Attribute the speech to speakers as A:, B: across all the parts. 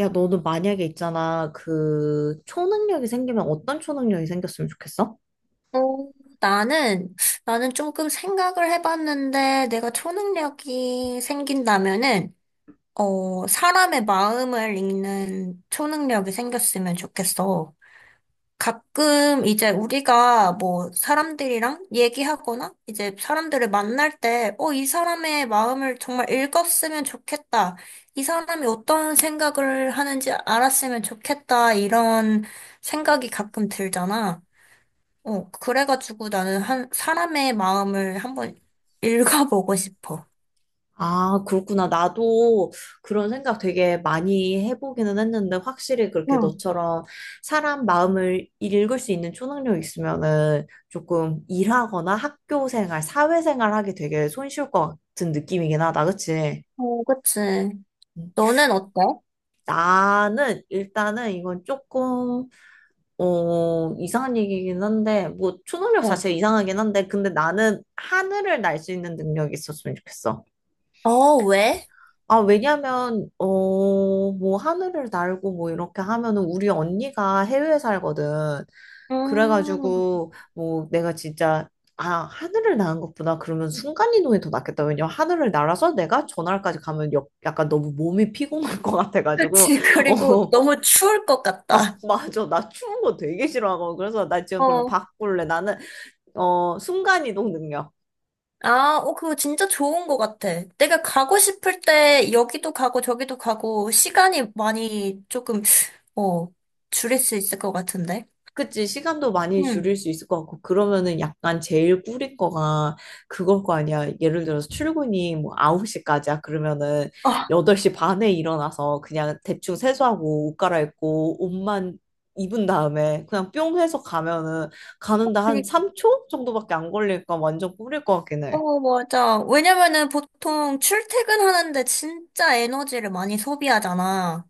A: 야, 너는 만약에 있잖아. 그, 초능력이 생기면 어떤 초능력이 생겼으면 좋겠어?
B: 어, 나는, 나는 조금 생각을 해봤는데, 내가 초능력이 생긴다면은, 사람의 마음을 읽는 초능력이 생겼으면 좋겠어. 가끔 이제 우리가 뭐 사람들이랑 얘기하거나, 이제 사람들을 만날 때, 이 사람의 마음을 정말 읽었으면 좋겠다. 이 사람이 어떤 생각을 하는지 알았으면 좋겠다. 이런 생각이 가끔 들잖아. 그래가지고 나는 한, 사람의 마음을 한번 읽어보고 싶어.
A: 아, 그렇구나. 나도 그런 생각 되게 많이 해보기는 했는데, 확실히 그렇게
B: 응,
A: 너처럼 사람 마음을 읽을 수 있는 초능력이 있으면은 조금 일하거나 학교 생활, 사회 생활 하기 되게 손쉬울 것 같은 느낌이긴 하다. 그치?
B: 어, 그치.
A: 음.
B: 너는 어때?
A: 나는 일단은 이건 조금 이상한 얘기긴 한데, 뭐, 초능력
B: 어.
A: 자체가 이상하긴 한데, 근데 나는 하늘을 날 수 있는 능력이 있었으면 좋겠어.
B: 어, 왜?
A: 아, 왜냐면, 뭐, 하늘을 날고 뭐, 이렇게 하면은, 우리 언니가 해외에 살거든.
B: 음,
A: 그래가지고, 뭐, 내가 진짜, 아, 하늘을 나는 것보다 그러면 순간이동이 더 낫겠다. 왜냐면 하늘을 날아서 내가 전화까지 가면 약간 너무 몸이 피곤할 것 같아가지고,
B: 그치. 그리고
A: 어,
B: 너무 추울 것
A: 아,
B: 같다.
A: 맞아. 나 추운 거 되게 싫어하고. 그래서 나 지금 그럼
B: 어.
A: 바꿀래. 나는 순간이동 능력.
B: 아, 그거 진짜 좋은 것 같아. 내가 가고 싶을 때 여기도 가고 저기도 가고 시간이 많이 조금, 어, 줄일 수 있을 것 같은데.
A: 그치, 시간도 많이
B: 응.
A: 줄일 수 있을 것 같고, 그러면은 약간 제일 뿌릴 거가 그걸 거 아니야. 예를 들어서 출근이 뭐 9시까지야. 그러면은
B: 아,
A: 8시 반에 일어나서 그냥 대충 세수하고 옷 갈아입고 옷만 입은 다음에 그냥 뿅 해서 가면은 가는데 한
B: 그니까.
A: 3초 정도밖에 안 걸릴까 완전 뿌릴 것 같긴 해.
B: 어, 맞아. 왜냐면은 보통 출퇴근하는데 진짜 에너지를 많이 소비하잖아.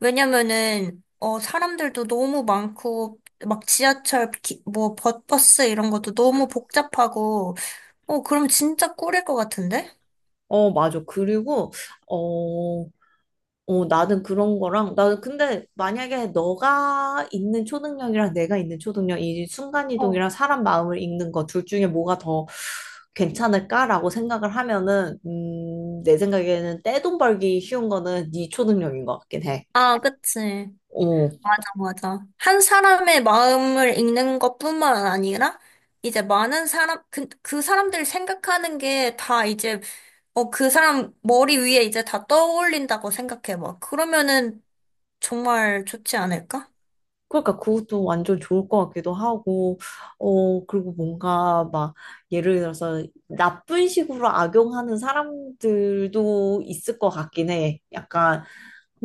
B: 왜냐면은, 사람들도 너무 많고, 막 지하철, 뭐, 버스 이런 것도 너무 복잡하고, 그럼 진짜 꿀일 것 같은데?
A: 어, 맞아. 그리고, 어, 나는 그런 거랑, 나는 근데 만약에 너가 있는 초능력이랑 내가 있는 초능력, 이
B: 어,
A: 순간이동이랑 사람 마음을 읽는 거 둘 중에 뭐가 더 괜찮을까라고 생각을 하면은, 내 생각에는 떼돈 벌기 쉬운 거는 네 초능력인 것 같긴 해.
B: 아, 그치.
A: 어,
B: 맞아, 맞아. 한 사람의 마음을 읽는 것뿐만 아니라, 이제 많은 사람, 그 사람들 생각하는 게 다 이제, 그 사람 머리 위에 이제 다 떠올린다고 생각해 봐. 그러면은 정말 좋지 않을까?
A: 그러니까 그것도 완전 좋을 것 같기도 하고, 그리고 뭔가 막, 예를 들어서 나쁜 식으로 악용하는 사람들도 있을 것 같긴 해. 약간,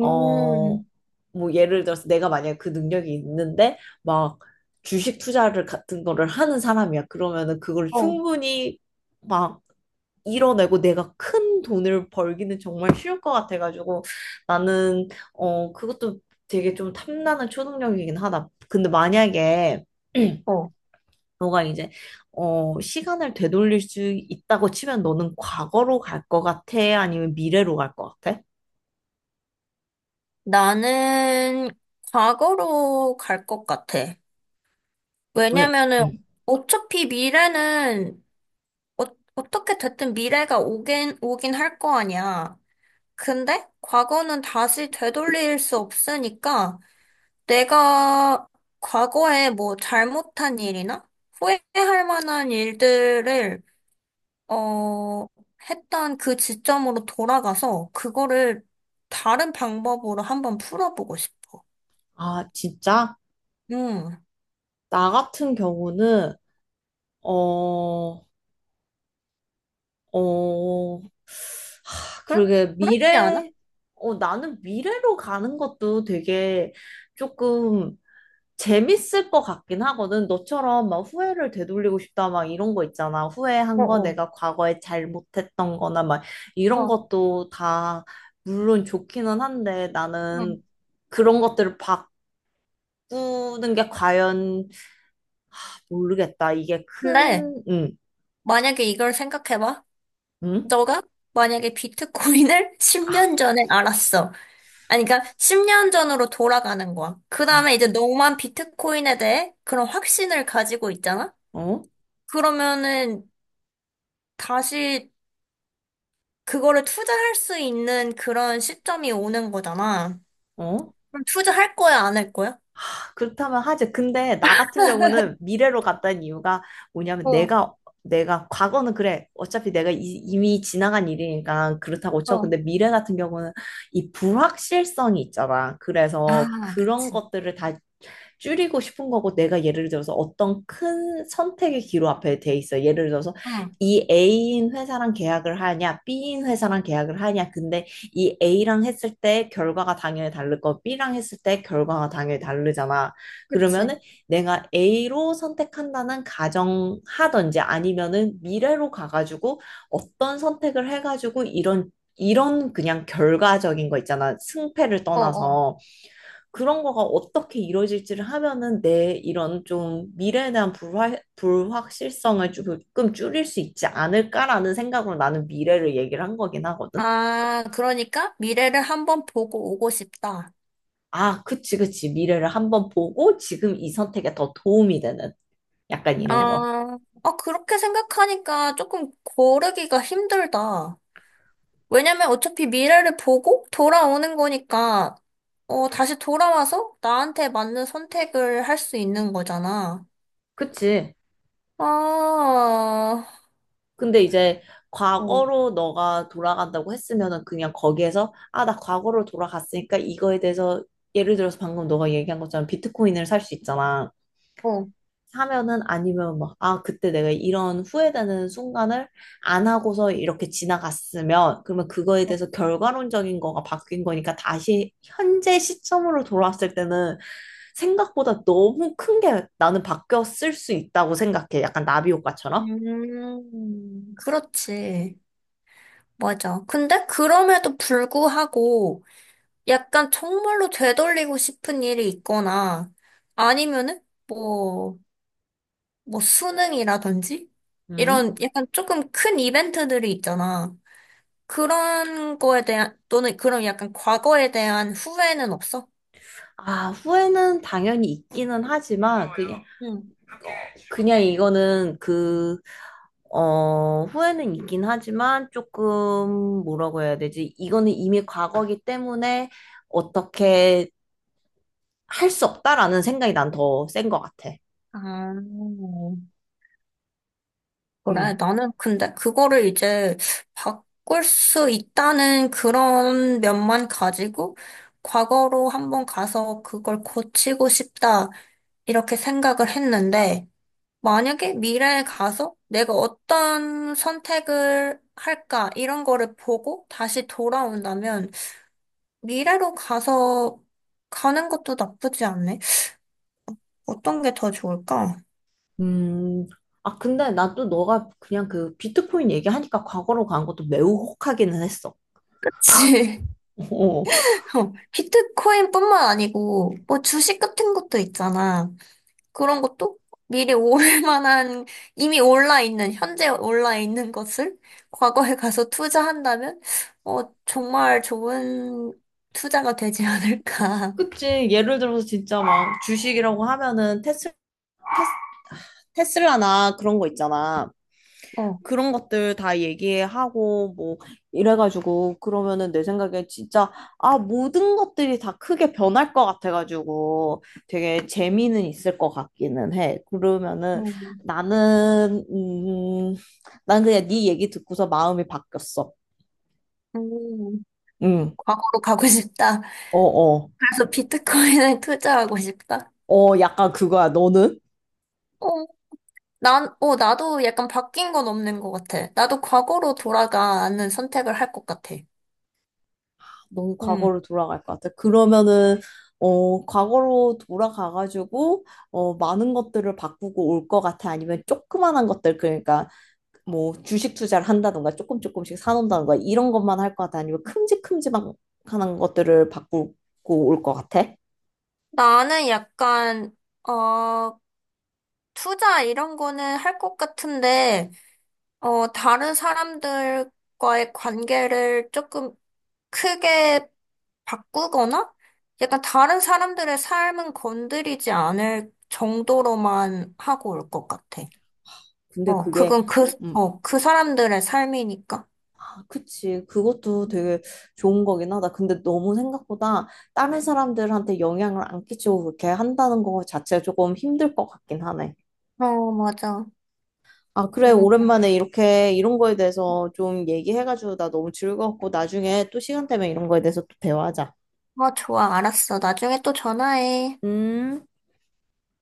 A: 어, 뭐 예를 들어서 내가 만약에 그 능력이 있는데 막 주식 투자를 같은 거를 하는 사람이야. 그러면은 그걸
B: 어,
A: 충분히 막 이뤄내고 내가 큰 돈을 벌기는 정말 쉬울 것 같아가지고 나는 그것도 되게 좀 탐나는 초능력이긴 하다. 근데 만약에
B: 어.
A: 너가 이제 시간을 되돌릴 수 있다고 치면 너는 과거로 갈 것 같아? 아니면 미래로 갈 것 같아?
B: 나는 과거로 갈 것 같아.
A: 왜?
B: 왜냐면은
A: 응.
B: 어차피 미래는, 어, 어떻게 됐든 미래가 오긴 할 거 아니야. 근데 과거는 다시 되돌릴 수 없으니까 내가 과거에 뭐 잘못한 일이나 후회할 만한 일들을 어 했던 그 지점으로 돌아가서 그거를 다른 방법으로 한번 풀어보고 싶어.
A: 아, 진짜?
B: 음.
A: 나 같은 경우는, 어, 어,
B: 그렇
A: 그러게,
B: 그렇지 않아?
A: 나는 미래로 가는 것도 되게 조금 재밌을 것 같긴 하거든. 너처럼 막 후회를 되돌리고 싶다, 막 이런 거 있잖아.
B: 어,
A: 후회한 거,
B: 어,
A: 내가 과거에 잘못했던 거나 막 이런
B: 어.
A: 것도 다, 물론 좋기는 한데 나는
B: 음.
A: 그런 것들을 바꾸는 게 과연 모르겠다. 이게
B: 근데
A: 큰, 응,
B: 만약에 이걸 생각해봐.
A: 응?
B: 너가 만약에 비트코인을 10년 전에 알았어. 아니, 그러니까 10년 전으로 돌아가는 거야. 그
A: 아,
B: 다음에 이제 너만 비트코인에 대해 그런 확신을 가지고 있잖아?
A: 어?
B: 그러면은 다시 그거를 투자할 수 있는 그런 시점이 오는 거잖아.
A: 어?
B: 그럼 투자할 거야, 안 할 거야?
A: 그렇다면 하지. 근데 나 같은 경우는 미래로 갔다는 이유가 뭐냐면
B: 어,
A: 내가 과거는 그래. 어차피 내가 이미 지나간 일이니까 그렇다고 쳐.
B: 어.
A: 근데 미래 같은 경우는 이 불확실성이 있잖아. 그래서
B: 아,
A: 그런
B: 그치.
A: 것들을 다시 줄이고 싶은 거고 내가 예를 들어서 어떤 큰 선택의 기로 앞에 돼 있어. 예를 들어서
B: 응,
A: 이 A인 회사랑 계약을 하냐, B인 회사랑 계약을 하냐. 근데 이 A랑 했을 때 결과가 당연히 다를 거, B랑 했을 때 결과가 당연히 다르잖아. 그러면은
B: 그치.
A: 내가 A로 선택한다는 가정하던지 아니면은 미래로 가가지고 어떤 선택을 해가지고 이런 그냥 결과적인 거 있잖아. 승패를
B: 어, 어.
A: 떠나서 그런 거가 어떻게 이루어질지를 하면은 내 이런 좀 미래에 대한 불확실성을 조금 줄일 수 있지 않을까라는 생각으로 나는 미래를 얘기를 한 거긴 하거든.
B: 아, 그러니까 미래를 한번 보고 오고 싶다.
A: 아, 그치, 그치. 미래를 한번 보고 지금 이 선택에 더 도움이 되는 약간 이런 거.
B: 아, 아, 그렇게 생각하니까 조금 고르기가 힘들다. 왜냐면 어차피 미래를 보고 돌아오는 거니까, 다시 돌아와서 나한테 맞는 선택을 할 수 있는 거잖아.
A: 그치.
B: 아,
A: 근데 이제
B: 어,
A: 과거로 너가 돌아간다고 했으면은 그냥 거기에서 아, 나 과거로 돌아갔으니까 이거에 대해서 예를 들어서 방금 너가 얘기한 것처럼 비트코인을 살 수 있잖아.
B: 어.
A: 사면은 아니면 막, 아, 그때 내가 이런 후회되는 순간을 안 하고서 이렇게 지나갔으면, 그러면 그거에
B: 어.
A: 대해서 결과론적인 거가 바뀐 거니까 다시 현재 시점으로 돌아왔을 때는 생각보다 너무 큰 게 나는 바뀌었을 수 있다고 생각해. 약간 나비 효과처럼.
B: 그렇지. 맞아. 근데 그럼에도 불구하고 약간 정말로 되돌리고 싶은 일이 있거나 아니면은 뭐, 뭐 수능이라든지
A: 음.
B: 이런 약간 조금 큰 이벤트들이 있잖아. 그런 거에 대한, 또는 그런 약간 과거에 대한 후회는 없어?
A: 아, 후회는 당연히 있기는 하지만 그게
B: 응.
A: 그냥 이거는 후회는 있긴 하지만 조금 뭐라고 해야 되지? 이거는 이미 과거기 때문에 어떻게 할 수 없다라는 생각이 난 더 센 것 같아.
B: 아, 그래.
A: 음.
B: 나는 근데 그거를 이제 바꿀 수 있다는 그런 면만 가지고 과거로 한번 가서 그걸 고치고 싶다. 이렇게 생각을 했는데, 만약에 미래에 가서 내가 어떤 선택을 할까, 이런 거를 보고 다시 돌아온다면, 미래로 가서 가는 것도 나쁘지 않네. 어떤 게 더 좋을까?
A: 음. 아, 근데 난 또 너가 그냥 그 비트코인 얘기하니까 과거로 간 것도 매우 혹하기는 했어.
B: 그치.
A: 어.
B: 비트코인뿐만 아니고 뭐 주식 같은 것도 있잖아. 그런 것도 미리 올 만한 이미 올라 있는 현재 올라 있는 것을 과거에 가서 투자한다면 정말 좋은 투자가 되지 않을까.
A: 그치. 예를 들어서 진짜 막 주식이라고 하면은 테스, 테슬라나 그런 거 있잖아.
B: 어.
A: 그런 것들 다 얘기하고 뭐 이래가지고 그러면은 내 생각에 진짜 아 모든 것들이 다 크게 변할 것 같아가지고 되게 재미는 있을 것 같기는 해. 그러면은
B: 음,
A: 나는 난 그냥 네 얘기 듣고서 마음이 바뀌었어.
B: 음,
A: 응.
B: 과거로 가고 싶다.
A: 어, 어.
B: 그래서 비트코인에 투자하고 싶다.
A: 어, 약간 그거야. 너는?
B: 어, 나도 약간 바뀐 건 없는 것 같아. 나도 과거로 돌아가는 선택을 할 것 같아.
A: 너무
B: 음.
A: 과거로 돌아갈 것 같아. 그러면은 과거로 돌아가가지고 많은 것들을 바꾸고 올 것 같아. 아니면 조그만한 것들 그러니까 뭐 주식 투자를 한다던가 조금 조금씩 사놓는다던가 이런 것만 할 것 같아. 아니면 큼직큼직한 것들을 바꾸고 올 것 같아.
B: 나는 약간, 어, 투자 이런 거는 할 것 같은데, 다른 사람들과의 관계를 조금 크게 바꾸거나, 약간 다른 사람들의 삶은 건드리지 않을 정도로만 하고 올 것 같아.
A: 근데 그게
B: 그건
A: 음,
B: 그 사람들의 삶이니까.
A: 아, 그치. 그것도 되게 좋은 거긴 하다. 근데 너무 생각보다 다른 사람들한테 영향을 안 끼치고 그렇게 한다는 거 자체가 조금 힘들 것 같긴 하네.
B: 어, 맞아.
A: 아, 그래. 오랜만에 이렇게 이런 거에 대해서 좀 얘기해가지고 나 너무 즐거웠고 나중에 또 시간 되면 이런 거에 대해서 또 대화하자.
B: 어, 좋아, 알았어. 나중에 또 전화해.
A: 음.